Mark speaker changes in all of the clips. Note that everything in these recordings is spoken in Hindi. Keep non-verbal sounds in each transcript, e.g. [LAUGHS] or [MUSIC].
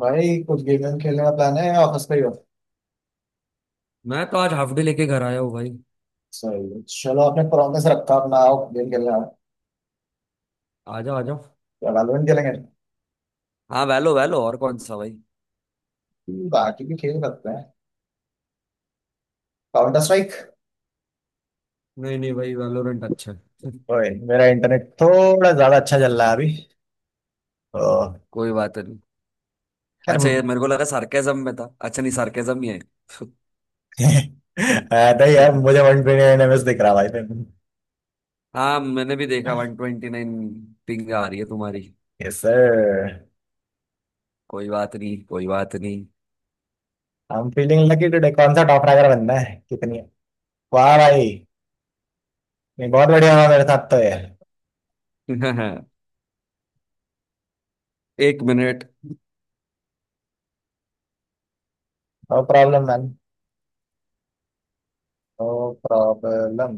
Speaker 1: भाई कुछ गेम वेम खेलने का प्लान है या ऑफिस पे ही हो।
Speaker 2: मैं तो आज हाफ डे लेके घर आया हूँ भाई।
Speaker 1: सही है। चलो, आपने प्रॉमिस रखा अपना, आओ गेम खेलने आओ।
Speaker 2: आ जाओ आ जाओ।
Speaker 1: क्या वैलोरेंट खेलेंगे?
Speaker 2: हाँ, वैलो वैलो और कौन सा भाई।
Speaker 1: बाकी भी खेल सकते हैं। Counter strike.
Speaker 2: नहीं नहीं भाई, वैलोरेंट अच्छा है।
Speaker 1: ओए, मेरा इंटरनेट थोड़ा ज्यादा अच्छा चल रहा है अभी। ओ,
Speaker 2: कोई बात नहीं।
Speaker 1: यार।
Speaker 2: अच्छा, ये मेरे को लगा सार्केज्म में था। अच्छा नहीं, सार्केज्म ही है।
Speaker 1: [LAUGHS] नहीं यार, मुझे
Speaker 2: [LAUGHS]
Speaker 1: 129 ms दिख रहा भाई।
Speaker 2: हाँ, मैंने भी देखा 129। पिंग आ रही है तुम्हारी।
Speaker 1: Yes sir.
Speaker 2: कोई बात नहीं, कोई बात नहीं।
Speaker 1: I am feeling lucky today. कौन सा टॉप रैगर बनना है, कितनी है? वाह भाई। नहीं, बहुत बढ़िया हुआ मेरे साथ तो ये।
Speaker 2: [LAUGHS] एक minute.
Speaker 1: No problem man. No problem.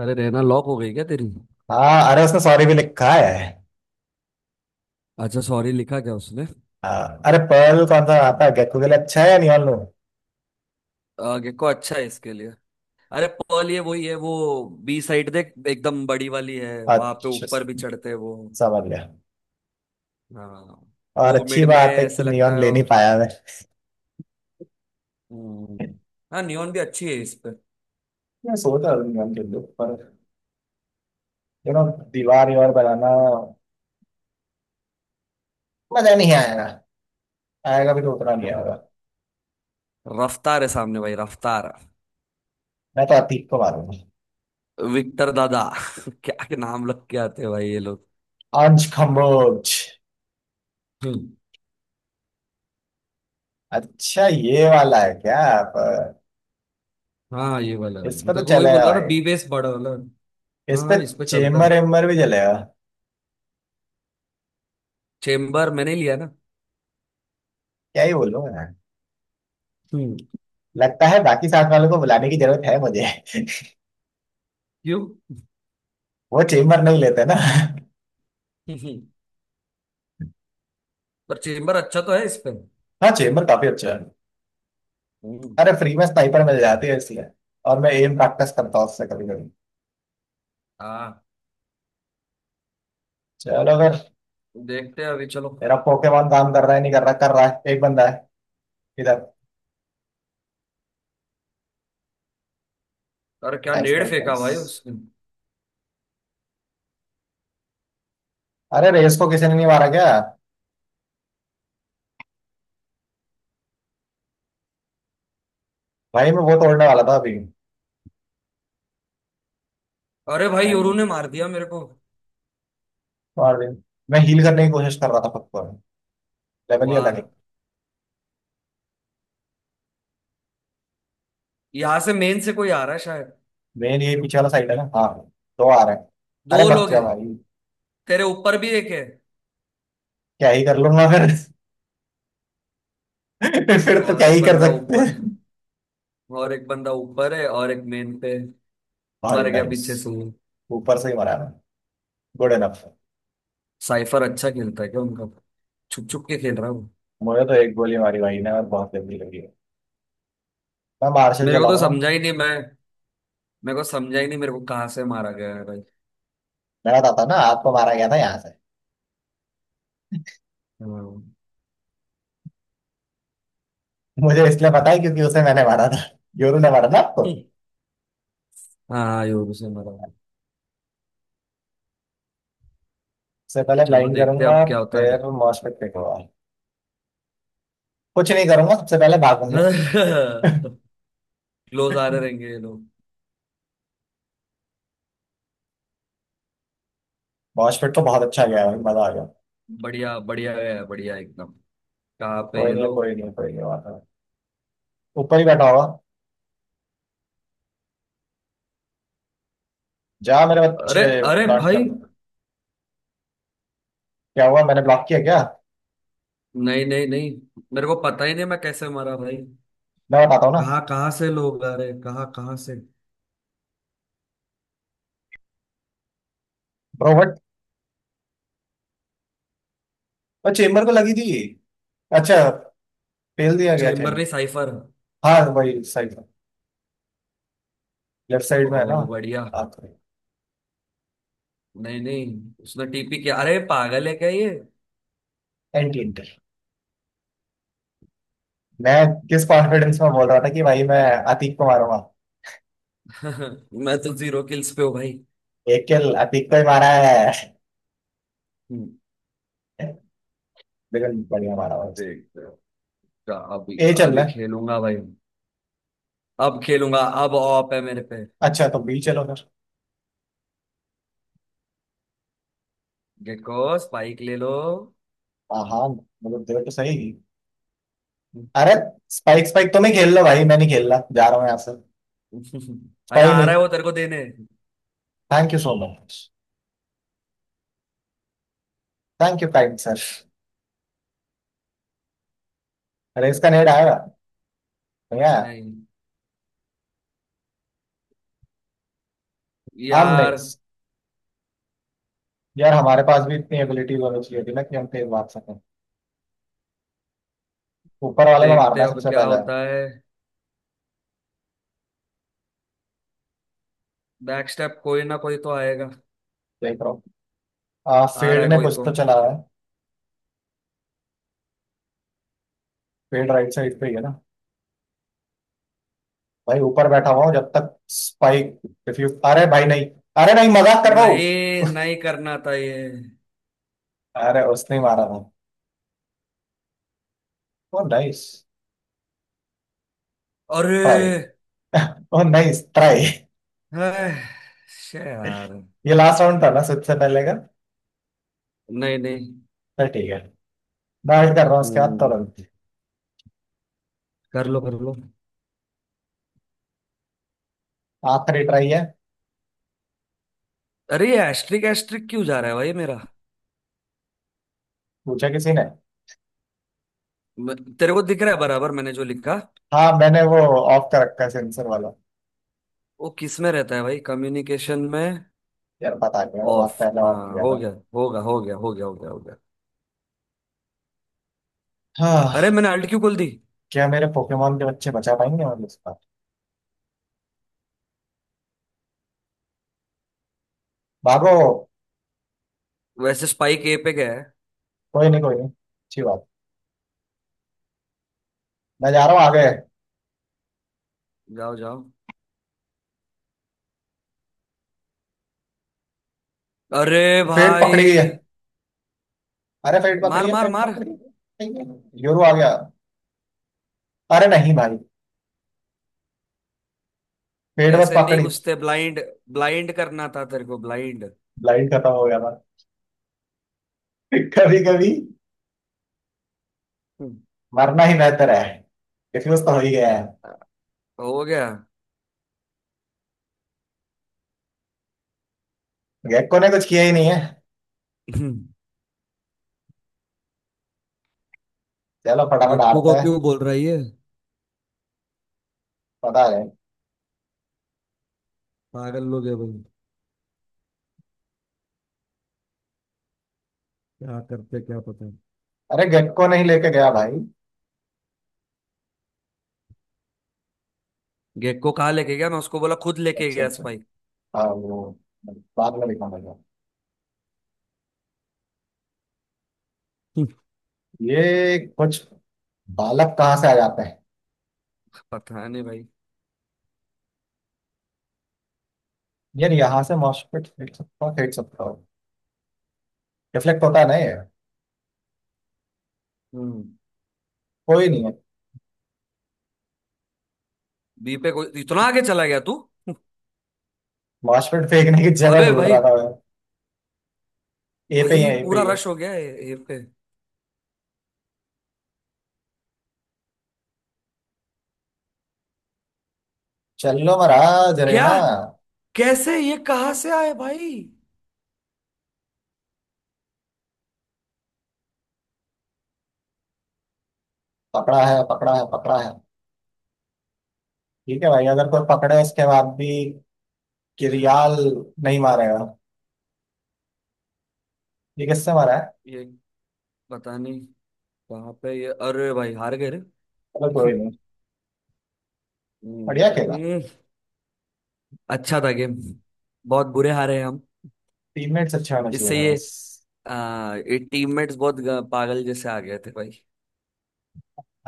Speaker 2: अरे रहना, लॉक हो गई क्या तेरी।
Speaker 1: हाँ, अरे उसने सॉरी भी लिखा है।
Speaker 2: अच्छा, सॉरी लिखा क्या उसने।
Speaker 1: हाँ। अरे पर्ल कौन सा आता है? गेको के लिए अच्छा है या नियॉन लूं?
Speaker 2: गेको अच्छा है इसके लिए। अरे पर्ल, ये वही है वो। बी साइड देख, एकदम बड़ी वाली है, वहां पे
Speaker 1: अच्छा,
Speaker 2: ऊपर भी चढ़ते हैं वो।
Speaker 1: समझ गया।
Speaker 2: हाँ,
Speaker 1: और
Speaker 2: वो
Speaker 1: अच्छी
Speaker 2: मिड में
Speaker 1: बात है कि
Speaker 2: ऐसा लगता
Speaker 1: नियॉन
Speaker 2: है।
Speaker 1: ले नहीं पाया मैं।
Speaker 2: हम्म। हाँ, नियॉन भी अच्छी है इस पे। [LAUGHS]
Speaker 1: मैं सोच रहा था नियॉन के लिए, पर यू नो दीवार यार बनाना मजा नहीं आएगा। आएगा भी तो उतना नहीं
Speaker 2: हम्म,
Speaker 1: आएगा।
Speaker 2: रफ्तार है सामने भाई, रफ्तार।
Speaker 1: मैं तो अतीक को मारूंगा।
Speaker 2: विक्टर दादा। [LAUGHS] क्या के नाम लग के आते हैं भाई ये लोग।
Speaker 1: अंश खम्बोज।
Speaker 2: हम्म,
Speaker 1: अच्छा, ये वाला है क्या? पर
Speaker 2: हाँ, ये वाला
Speaker 1: इस पे
Speaker 2: मैं
Speaker 1: तो
Speaker 2: तेरे को वही बोल
Speaker 1: चलेगा
Speaker 2: रहा ना,
Speaker 1: भाई।
Speaker 2: बी बेस बड़ा वाला।
Speaker 1: इस
Speaker 2: हाँ
Speaker 1: पे
Speaker 2: हाँ, इस पे चलता है।
Speaker 1: चेम्बर एम्बर भी चलेगा।
Speaker 2: चेम्बर मैंने लिया ना।
Speaker 1: क्या ही बोलूं मैं।
Speaker 2: हम्म।
Speaker 1: लगता है बाकी साथ वालों को बुलाने की जरूरत है मुझे। [LAUGHS]
Speaker 2: क्यों।
Speaker 1: वो चेम्बर नहीं लेते ना। [LAUGHS]
Speaker 2: [LAUGHS] पर चेम्बर अच्छा तो है इस पे।
Speaker 1: हाँ, चेम्बर काफी अच्छा है।
Speaker 2: हम्म,
Speaker 1: अरे फ्री में स्नाइपर मिल जाती है इसलिए। और मैं एम प्रैक्टिस करता हूँ उससे कभी कभी।
Speaker 2: हाँ।
Speaker 1: चलो अगर।
Speaker 2: देखते हैं अभी, चलो।
Speaker 1: मेरा पोकेमॉन काम कर रहा है, नहीं कर रहा, कर रहा है। एक बंदा है इधर।
Speaker 2: अरे क्या
Speaker 1: नाइस
Speaker 2: नेड़
Speaker 1: नाइस
Speaker 2: फेंका
Speaker 1: नाइस।
Speaker 2: भाई उसने।
Speaker 1: अरे रेस को किसी ने नहीं मारा क्या? भाई मैं वो तोड़ने वाला था अभी।
Speaker 2: अरे भाई,
Speaker 1: नहीं
Speaker 2: योरू
Speaker 1: नहीं।
Speaker 2: ने मार दिया मेरे को।
Speaker 1: मार दिया। मैं हील करने की कोशिश कर रहा था खुद को। लेवल ही अलग
Speaker 2: वाह।
Speaker 1: है।
Speaker 2: यहाँ से मेन से कोई आ रहा है शायद।
Speaker 1: मेन ये पीछे वाला साइड है ना। हाँ, दो आ रहे हैं। अरे
Speaker 2: दो
Speaker 1: बक
Speaker 2: लोग
Speaker 1: जा
Speaker 2: हैं।
Speaker 1: भाई।
Speaker 2: तेरे ऊपर भी एक है।
Speaker 1: क्या ही कर लूंगा फिर। [LAUGHS] फिर तो
Speaker 2: और
Speaker 1: क्या
Speaker 2: एक
Speaker 1: ही कर
Speaker 2: बंदा
Speaker 1: सकते
Speaker 2: ऊपर है।
Speaker 1: हैं।
Speaker 2: और एक बंदा ऊपर है और एक मेन पे।
Speaker 1: भाई
Speaker 2: मर गया
Speaker 1: नाइस।
Speaker 2: पीछे से वो।
Speaker 1: ऊपर से ही मारा है। Good enough.
Speaker 2: साइफर अच्छा खेलता है क्या उनका। छुप छुप के खेल रहा है वो।
Speaker 1: मुझे तो एक गोली मारी भाई ने और बहुत गंदी लगी है। मैं मार्शल
Speaker 2: मेरे को तो
Speaker 1: चलाऊंगा।
Speaker 2: समझा ही नहीं मैं। मेरे को समझा ही नहीं, मेरे को कहाँ से मारा गया है भाई।
Speaker 1: मैं बताता हूँ ना, आपको मारा गया था यहाँ से।
Speaker 2: हाँ,
Speaker 1: मुझे इसलिए पता है क्योंकि उसे मैंने मारा था। योरू ने मारा था आपको।
Speaker 2: हाँ, योरू से मारा।
Speaker 1: सबसे पहले
Speaker 2: चलो
Speaker 1: ब्लाइंड
Speaker 2: देखते हैं
Speaker 1: करूंगा,
Speaker 2: अब क्या होता
Speaker 1: फिर
Speaker 2: है।
Speaker 1: मॉशपिट फेंकूंगा। कुछ नहीं करूंगा, सबसे पहले भागूंगा।
Speaker 2: [LAUGHS] क्लोज आ रहे रहेंगे ये लोग।
Speaker 1: मॉशपिट तो बहुत अच्छा गया भाई, मजा आ गया।
Speaker 2: बढ़िया, बढ़िया है बढ़िया एकदम। कहाँ पे
Speaker 1: कोई
Speaker 2: ये
Speaker 1: नहीं है,
Speaker 2: लोग।
Speaker 1: कोई नहीं है, कोई नहीं बात है। ऊपर ही बैठा होगा। जा मेरे बच्चे,
Speaker 2: अरे। अरे
Speaker 1: ब्लॉक
Speaker 2: भाई।
Speaker 1: कर दो। क्या हुआ, मैंने ब्लॉक किया क्या?
Speaker 2: नहीं नहीं नहीं, मेरे को पता ही नहीं मैं कैसे मरा भाई।
Speaker 1: मैं बताता हूँ ना।
Speaker 2: कहाँ कहाँ से लोग आ रहे, कहाँ कहाँ से।
Speaker 1: रोबोट। और चेम्बर को लगी थी। अच्छा, फेल दिया गया
Speaker 2: चेम्बर नहीं,
Speaker 1: चेम्बर।
Speaker 2: साइफर।
Speaker 1: हाँ वही सही। लेफ्ट साइड में है ना।
Speaker 2: ओ बढ़िया।
Speaker 1: हाँ,
Speaker 2: नहीं नहीं, उसने टीपी किया, अरे पागल है क्या ये।
Speaker 1: एंटी इंटर। मैं किस कॉन्फिडेंस में बोल रहा था कि भाई मैं अतीक को मारूंगा।
Speaker 2: [LAUGHS] मैं तो जीरो किल्स पे हूँ भाई।
Speaker 1: एक किल अतीक को ही मारा है।
Speaker 2: हम्म,
Speaker 1: बिल्कुल बढ़िया मारा हुआ उसने।
Speaker 2: देखते हैं। क्या अभी।
Speaker 1: ए चल
Speaker 2: अभी
Speaker 1: रहा है।
Speaker 2: खेलूंगा भाई। अब खेलूंगा। अब ऑप है मेरे पे।
Speaker 1: अच्छा, तो बी चलो फिर।
Speaker 2: गेको, स्पाइक ले लो।
Speaker 1: हाँ हाँ, मतलब देखो तो सही। अरे स्पाइक, स्पाइक तुम ही खेल लो भाई, मैं नहीं खेल रहा, जा रहा हूँ यहाँ से।
Speaker 2: [LAUGHS] अरे
Speaker 1: स्पाइक
Speaker 2: आ
Speaker 1: नहीं।
Speaker 2: रहा है वो तेरे को देने।
Speaker 1: Thank you so much. Thank you kind sir. अरे इसका नेट आएगा। नहीं आया।
Speaker 2: नहीं,
Speaker 1: हम
Speaker 2: यार।
Speaker 1: नेक्स्ट। यार, हमारे पास भी इतनी एबिलिटीज होनी चाहिए थी ना कि हम तेज भाग सकें। ऊपर वाले को
Speaker 2: देखते
Speaker 1: मारना
Speaker 2: हैं
Speaker 1: है
Speaker 2: अब
Speaker 1: सबसे
Speaker 2: क्या
Speaker 1: पहले।
Speaker 2: होता है। बैक स्टेप, कोई ना कोई तो आएगा।
Speaker 1: देख रहा हूँ।
Speaker 2: आ रहा
Speaker 1: फेड
Speaker 2: है
Speaker 1: ने
Speaker 2: कोई
Speaker 1: कुछ
Speaker 2: तो।
Speaker 1: तो चला है। फेड राइट साइड पे ही है ना। भाई ऊपर बैठा हुआ हूँ जब तक स्पाइक। रिफ्यूज, अरे भाई नहीं। अरे नहीं, मजाक कर रहा हूँ।
Speaker 2: नहीं नहीं, करना था ये।
Speaker 1: अरे उसने ही मारा था। ओ नाइस
Speaker 2: अरे।
Speaker 1: ट्राई। ओ नाइस ट्राई। [LAUGHS]
Speaker 2: है, शे यार।
Speaker 1: ये लास्ट राउंड था ना सबसे पहले का?
Speaker 2: नहीं नहीं।
Speaker 1: तो ठीक है। डाइट कर रहा हूँ उसके बाद
Speaker 2: हम्म।
Speaker 1: तुरंत।
Speaker 2: कर लो कर लो।
Speaker 1: आखिरी ट्राई है।
Speaker 2: अरे ये एस्ट्रिक एस्ट्रिक क्यों जा रहा है भाई मेरा।
Speaker 1: पूछा किसी ने?
Speaker 2: म- तेरे को दिख रहा है बराबर मैंने जो लिखा।
Speaker 1: हाँ मैंने वो ऑफ कर रखा है, सेंसर वाला।
Speaker 2: वो किस में रहता है भाई, कम्युनिकेशन में।
Speaker 1: यार बता दिया, मैं बहुत
Speaker 2: ऑफ,
Speaker 1: पहले ऑफ
Speaker 2: हाँ
Speaker 1: किया था।
Speaker 2: हो गया। होगा, हो गया हो गया हो गया हो गया। अरे
Speaker 1: हाँ।
Speaker 2: मैंने अल्ट क्यों खोल दी।
Speaker 1: क्या मेरे पोकेमोन के बच्चे बचा पाएंगे मतलब इस बार? भागो।
Speaker 2: वैसे स्पाइक ए पे गया है।
Speaker 1: कोई नहीं, कोई नहीं, अच्छी बात। मैं जा रहा हूँ आगे।
Speaker 2: जाओ जाओ। अरे
Speaker 1: पेट पकड़ी है।
Speaker 2: भाई।
Speaker 1: अरे पेट
Speaker 2: मार
Speaker 1: पकड़िए,
Speaker 2: मार
Speaker 1: पेट
Speaker 2: मार।
Speaker 1: पकड़िए। ठीक है, यूरो आ गया। अरे नहीं भाई, पेट बस
Speaker 2: ऐसे नहीं
Speaker 1: पकड़ी।
Speaker 2: घुसते ब्लाइंड। ब्लाइंड करना था तेरे को, ब्लाइंड।
Speaker 1: लाइन खत्म हो गया था। [LAUGHS] कभी कभी
Speaker 2: हम्म,
Speaker 1: मरना ही बेहतर है। डिफ्यूज तो हो ही गया है।
Speaker 2: हो गया।
Speaker 1: गेक्को ने कुछ किया ही नहीं है।
Speaker 2: [CLEARS THROAT] [LAUGHS]
Speaker 1: चलो फटाफट
Speaker 2: गेको
Speaker 1: हारते
Speaker 2: को
Speaker 1: हैं।
Speaker 2: क्यों बोल रहा है ये।
Speaker 1: पता है।
Speaker 2: पागल लोग है भाई। क्या करते क्या पता।
Speaker 1: अरे गेक्को नहीं लेके गया भाई।
Speaker 2: गेको कहाँ लेके गया, मैं उसको बोला खुद लेके
Speaker 1: अच्छा
Speaker 2: गया
Speaker 1: अच्छा।
Speaker 2: स्पाइक।
Speaker 1: हाँ वो बाद में दिखाऊंगा।
Speaker 2: हम्म,
Speaker 1: ये कुछ बालक कहाँ से आ जाते हैं?
Speaker 2: पता नहीं भाई।
Speaker 1: यार यहाँ से मॉस्फेट फेंक सकता हूँ, फेंक सकता हूँ। रिफ्लेक्ट होता है ना ये?
Speaker 2: हम्म।
Speaker 1: कोई नहीं है।
Speaker 2: बी पे कोई इतना आगे चला गया तू।
Speaker 1: मॉस्फेट फेंकने की जगह
Speaker 2: अबे
Speaker 1: ढूंढ
Speaker 2: भाई।
Speaker 1: रहा था मैं। ए पे ही
Speaker 2: भाई
Speaker 1: है, ए पे
Speaker 2: पूरा
Speaker 1: ही है।
Speaker 2: रश हो गया है। ए पे।
Speaker 1: चल लो महाराज, अरे
Speaker 2: क्या।
Speaker 1: ना।
Speaker 2: कैसे, ये कहाँ से आए भाई
Speaker 1: पकड़ा है, पकड़ा है, पकड़ा है। ठीक है भाई, अगर कोई पकड़े उसके बाद भी। किरियाल नहीं मारेगा। ये किससे मारा है?
Speaker 2: ये। पता नहीं। कहाँ पे ये, अरे भाई हार गए रे।
Speaker 1: चलो कोई नहीं। बढ़िया खेला।
Speaker 2: हम्म, अच्छा था गेम। बहुत बुरे हारे हैं हम।
Speaker 1: टीममेट्स अच्छे होने चाहिए
Speaker 2: इससे ये।
Speaker 1: बस।
Speaker 2: ये टीममेट्स बहुत पागल जैसे आ गए थे भाई।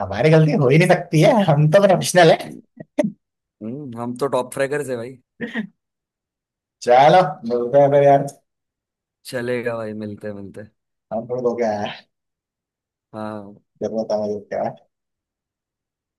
Speaker 1: हमारी गलती हो ही नहीं सकती है, हम तो प्रोफेशनल है।
Speaker 2: हम तो टॉप फ्रैगर्स है भाई।
Speaker 1: चलो, मिलते हैं फिर यार।
Speaker 2: चलेगा भाई, मिलते मिलते।
Speaker 1: हम थोड़ा धो के आया है,
Speaker 2: हाँ।
Speaker 1: जरूरत है मुझे।